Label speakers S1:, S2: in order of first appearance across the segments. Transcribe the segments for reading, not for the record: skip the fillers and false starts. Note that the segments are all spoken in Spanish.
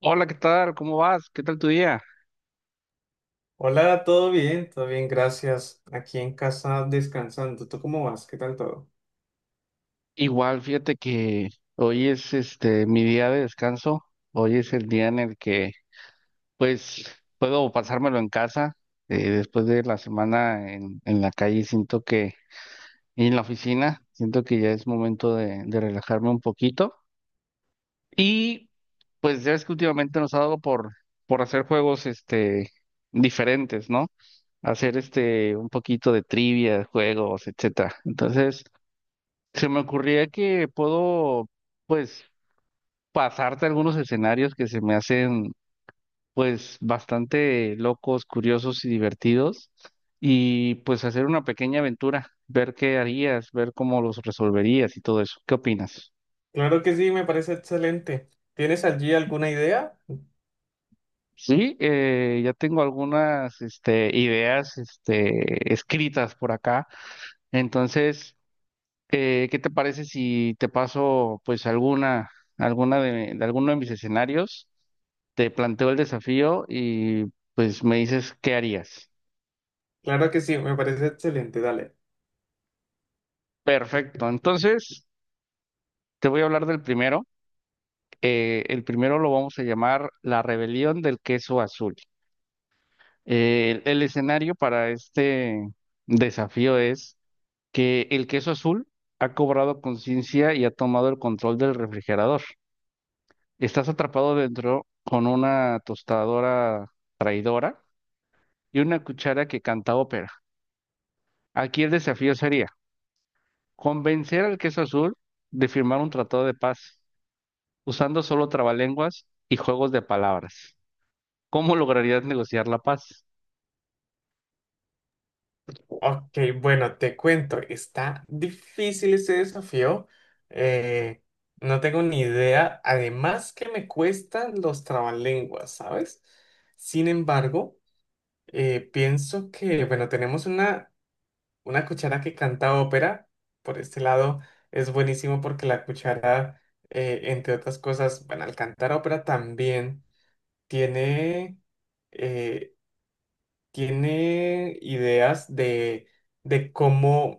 S1: Hola, ¿qué tal? ¿Cómo vas? ¿Qué tal tu día?
S2: Hola, ¿todo bien? Todo bien, gracias. Aquí en casa descansando. ¿Tú cómo vas? ¿Qué tal todo?
S1: Igual, fíjate que hoy es mi día de descanso. Hoy es el día en el que pues puedo pasármelo en casa. Después de la semana en la calle siento que, y en la oficina, siento que ya es momento de relajarme un poquito. Y pues ya es que últimamente nos ha dado por hacer juegos diferentes, ¿no? Hacer un poquito de trivia, juegos, etcétera. Entonces, se me ocurría que puedo, pues, pasarte algunos escenarios que se me hacen, pues, bastante locos, curiosos y divertidos, y pues hacer una pequeña aventura, ver qué harías, ver cómo los resolverías y todo eso. ¿Qué opinas?
S2: Claro que sí, me parece excelente. ¿Tienes allí alguna idea?
S1: Sí, ya tengo algunas, ideas, escritas por acá. Entonces, ¿qué te parece si te paso pues alguna, alguna de alguno de mis escenarios? Te planteo el desafío y pues me dices qué harías.
S2: Claro que sí, me parece excelente. Dale.
S1: Perfecto, entonces te voy a hablar del primero. El primero lo vamos a llamar La rebelión del queso azul. El escenario para este desafío es que el queso azul ha cobrado conciencia y ha tomado el control del refrigerador. Estás atrapado dentro con una tostadora traidora y una cuchara que canta ópera. Aquí el desafío sería convencer al queso azul de firmar un tratado de paz usando solo trabalenguas y juegos de palabras. ¿Cómo lograrías negociar la paz?
S2: Ok, bueno, te cuento. Está difícil este desafío. Eh, no tengo ni idea. Además que me cuestan los trabalenguas, ¿sabes? Sin embargo, pienso que, bueno, tenemos una una cuchara que canta ópera, por este lado, es buenísimo porque la cuchara, entre otras cosas, bueno, al cantar ópera también tiene, eh, tiene ideas de, de cómo,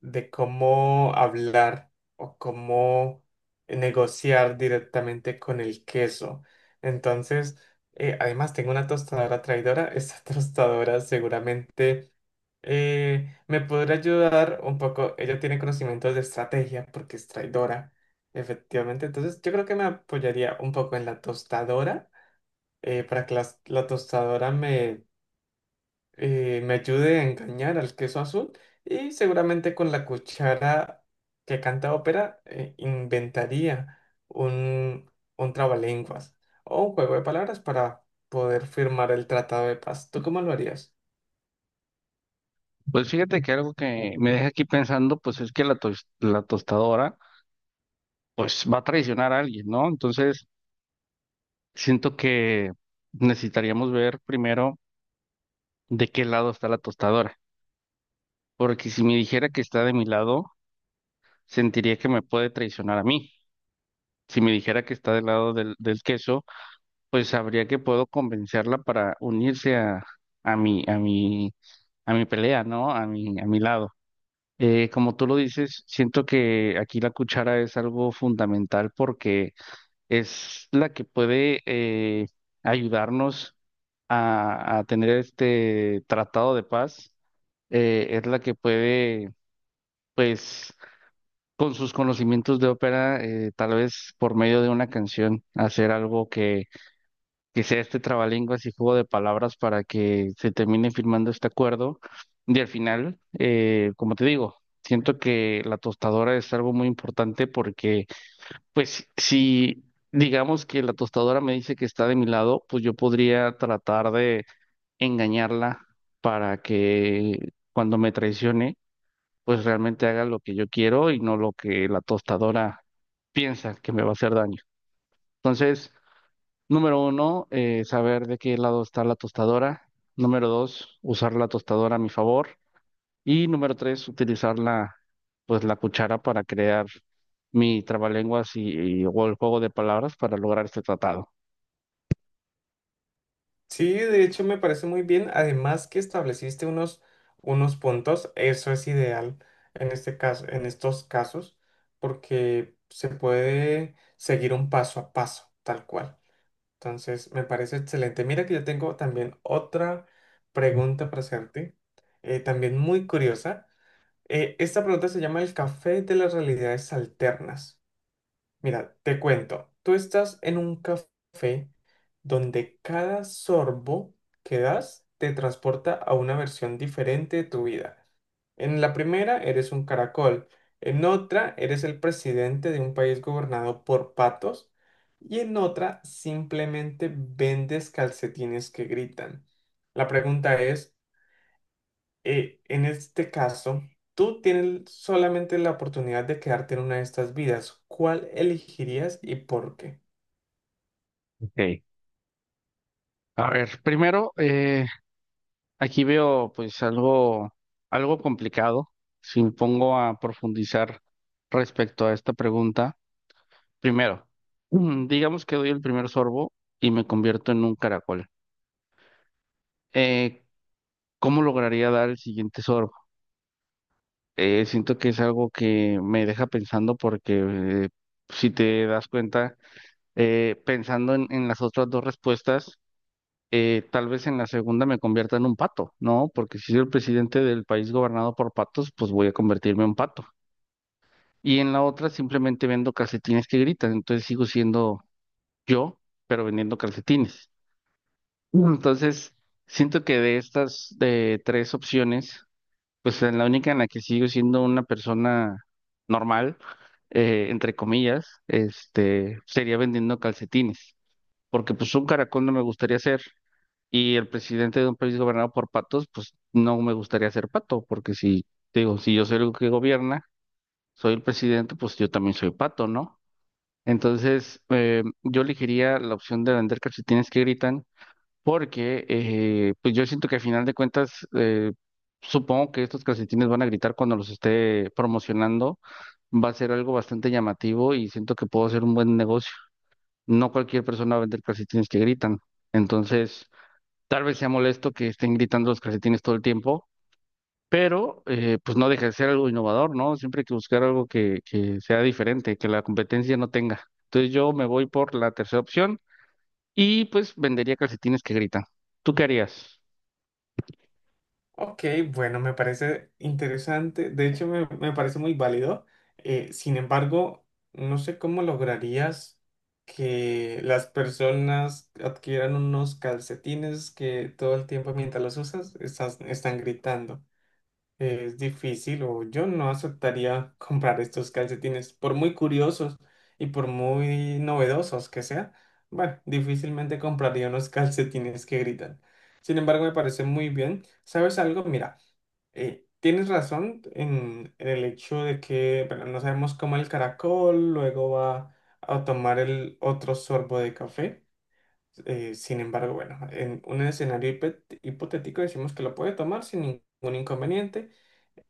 S2: de cómo hablar o cómo negociar directamente con el queso. Entonces, además tengo una tostadora traidora. Esta tostadora seguramente me podría ayudar un poco. Ella tiene conocimientos de estrategia porque es traidora, efectivamente. Entonces, yo creo que me apoyaría un poco en la tostadora para que la tostadora me, me ayude a engañar al queso azul y seguramente con la cuchara que canta ópera inventaría un, un trabalenguas o un juego de palabras para poder firmar el tratado de paz. ¿Tú cómo lo harías?
S1: Pues fíjate que algo que me deja aquí pensando, pues es que la tostadora, pues va a traicionar a alguien, ¿no? Entonces, siento que necesitaríamos ver primero de qué lado está la tostadora, porque si me dijera que está de mi lado, sentiría que me puede traicionar a mí. Si me dijera que está del lado del queso, pues sabría que puedo convencerla para unirse a, a mi, a mi, a mi pelea, ¿no? A mi lado. Como tú lo dices, siento que aquí la cuchara es algo fundamental porque es la que puede ayudarnos a tener este tratado de paz. Es la que puede, pues con sus conocimientos de ópera, tal vez por medio de una canción, hacer algo que sea este trabalenguas y juego de palabras para que se termine firmando este acuerdo. Y al final, como te digo, siento que la tostadora es algo muy importante porque, pues, si digamos que la tostadora me dice que está de mi lado, pues yo podría tratar de engañarla para que cuando me traicione, pues realmente haga lo que yo quiero y no lo que la tostadora piensa que me va a hacer daño. Entonces, número uno, saber de qué lado está la tostadora. Número dos, usar la tostadora a mi favor. Y número tres, utilizar la, pues, la cuchara para crear mi trabalenguas o el juego de palabras para lograr este tratado.
S2: Sí, de hecho me parece muy bien. Además que estableciste unos, unos puntos, eso es ideal en este caso, en estos casos, porque se puede seguir un paso a paso, tal cual. Entonces, me parece excelente. Mira que yo tengo también otra pregunta para hacerte, también muy curiosa. Esta pregunta se llama el café de las realidades alternas. Mira, te cuento, tú estás en un café donde cada sorbo que das te transporta a una versión diferente de tu vida. En la primera eres un caracol, en otra eres el presidente de un país gobernado por patos y en otra simplemente vendes calcetines que gritan. La pregunta es, en este caso, tú tienes solamente la oportunidad de quedarte en una de estas vidas. ¿Cuál elegirías y por qué?
S1: Ok. A ver, primero, aquí veo pues algo, algo complicado si me pongo a profundizar respecto a esta pregunta. Primero, digamos que doy el primer sorbo y me convierto en un caracol. Eh, ¿Cómo lograría dar el siguiente sorbo? Siento que es algo que me deja pensando porque si te das cuenta, pensando en las otras dos respuestas, tal vez en la segunda me convierta en un pato, ¿no? Porque si soy el presidente del país gobernado por patos, pues voy a convertirme en un pato. Y en la otra simplemente vendo calcetines que gritan, entonces sigo siendo yo, pero vendiendo calcetines. Mm. Entonces, siento que de estas tres opciones, pues en la única en la que sigo siendo una persona normal, entre comillas, sería vendiendo calcetines. Porque pues un caracol no me gustaría ser, y el presidente de un país gobernado por patos, pues no me gustaría ser pato, porque si, te digo, si yo soy el que gobierna, soy el presidente, pues yo también soy pato, ¿no? Entonces, yo elegiría la opción de vender calcetines que gritan, porque pues yo siento que al final de cuentas, supongo que estos calcetines van a gritar cuando los esté promocionando, va a ser algo bastante llamativo y siento que puedo hacer un buen negocio. No cualquier persona va a vender calcetines que gritan. Entonces, tal vez sea molesto que estén gritando los calcetines todo el tiempo, pero pues no deja de ser algo innovador, ¿no? Siempre hay que buscar algo que sea diferente, que la competencia no tenga. Entonces yo me voy por la tercera opción y pues vendería calcetines que gritan. ¿Tú qué harías?
S2: Ok, bueno, me parece interesante. De hecho, me parece muy válido. Sin embargo, no sé cómo lograrías que las personas adquieran unos calcetines que todo el tiempo mientras los usas están gritando. Es difícil o yo no aceptaría comprar estos calcetines, por muy curiosos y por muy novedosos que sean. Bueno, difícilmente compraría unos calcetines que gritan. Sin embargo, me parece muy bien. ¿Sabes algo? Mira, tienes razón en el hecho de que, bueno, no sabemos cómo el caracol, luego va a tomar el otro sorbo de café. Sin embargo, bueno, en un escenario hipotético decimos que lo puede tomar sin ningún inconveniente.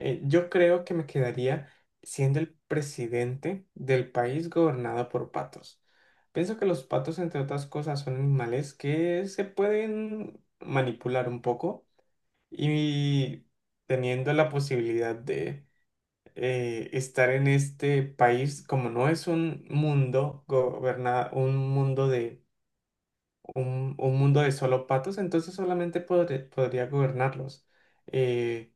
S2: Yo creo que me quedaría siendo el presidente del país gobernado por patos. Pienso que los patos, entre otras cosas, son animales que se pueden manipular un poco y teniendo la posibilidad de estar en este país, como no es un mundo gobernado, un mundo de un mundo de solo patos, entonces podría gobernarlos. Eh,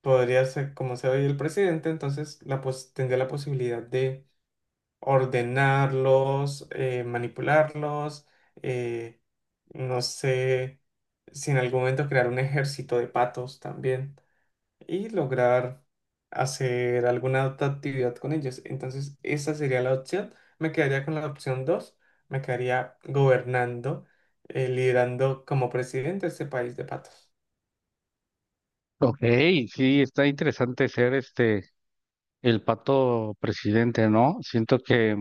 S2: Podría ser como sea hoy el presidente, entonces tendría la posibilidad de ordenarlos, manipularlos, eh, no sé, si en algún momento crear un ejército de patos también y lograr hacer alguna otra actividad con ellos. Entonces, esa sería la opción. Me quedaría con la opción dos, me quedaría gobernando, liderando como presidente este país de patos.
S1: Ok, sí, está interesante ser el pato presidente, ¿no? Siento que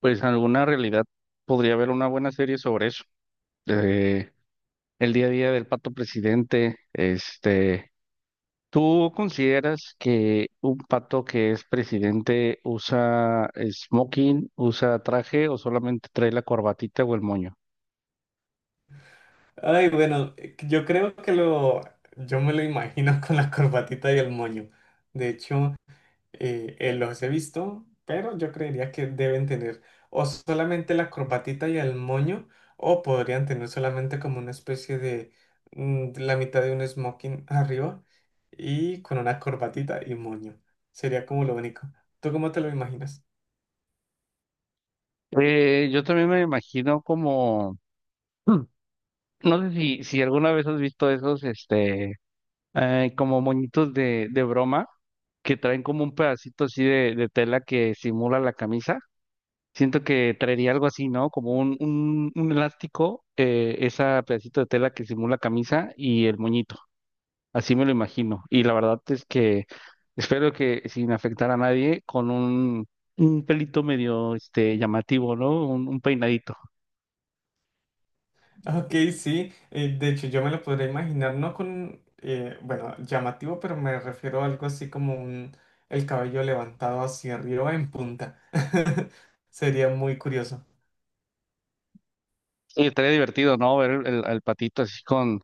S1: pues en alguna realidad podría haber una buena serie sobre eso. eh, el día a día del pato presidente. ¿Tú consideras que un pato que es presidente usa smoking, usa traje o solamente trae la corbatita o el moño?
S2: Ay, bueno, yo creo que yo me lo imagino con la corbatita y el moño. De hecho, los he visto, pero yo creería que deben tener o solamente la corbatita y el moño, o podrían tener solamente como una especie de la mitad de un smoking arriba y con una corbatita y moño. Sería como lo único. ¿Tú cómo te lo imaginas?
S1: Yo también me imagino como, Hmm. no sé si, si alguna vez has visto esos, como moñitos de broma que traen como un pedacito así de tela que simula la camisa. Siento que traería algo así, ¿no? Como un elástico, ese pedacito de tela que simula camisa y el moñito. Así me lo imagino. Y la verdad es que espero que sin afectar a nadie, con un pelito medio llamativo, ¿no? Un peinadito.
S2: Ok, sí, de hecho yo me lo podría imaginar, no con, bueno, llamativo, pero me refiero a algo así como un, el cabello levantado hacia arriba en punta. Sería muy curioso.
S1: Y estaría divertido, ¿no? Ver el, al patito así con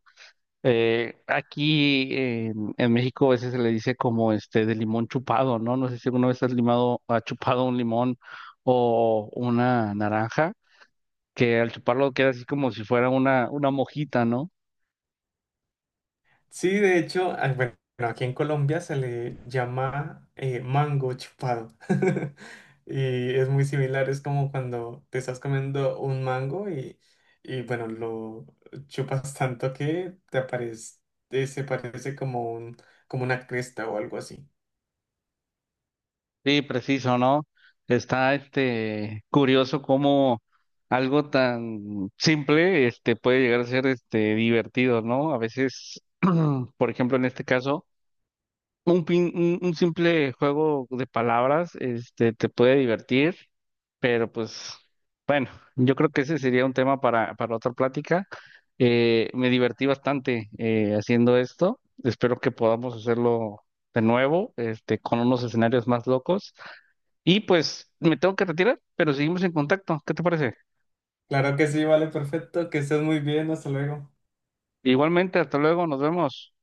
S1: aquí en México a veces se le dice como de limón chupado, ¿no? No sé si alguna vez has limado, ha chupado un limón o una naranja, que al chuparlo queda así como si fuera una mojita, ¿no?
S2: Sí, de hecho, ah, bueno, aquí en Colombia se le llama mango chupado. Y es muy similar, es como cuando te estás comiendo un mango y bueno, lo chupas tanto que te aparece, se parece como un, como una cresta o algo así.
S1: Sí, preciso, ¿no? Está curioso cómo algo tan simple puede llegar a ser divertido, ¿no? A veces, por ejemplo, en este caso, un simple juego de palabras te puede divertir, pero pues bueno, yo creo que ese sería un tema para otra plática. Me divertí bastante haciendo esto. Espero que podamos hacerlo de nuevo, con unos escenarios más locos. Y pues me tengo que retirar, pero seguimos en contacto. ¿Qué te parece?
S2: Claro que sí, vale, perfecto, que estés muy bien, hasta luego.
S1: Igualmente, hasta luego, nos vemos.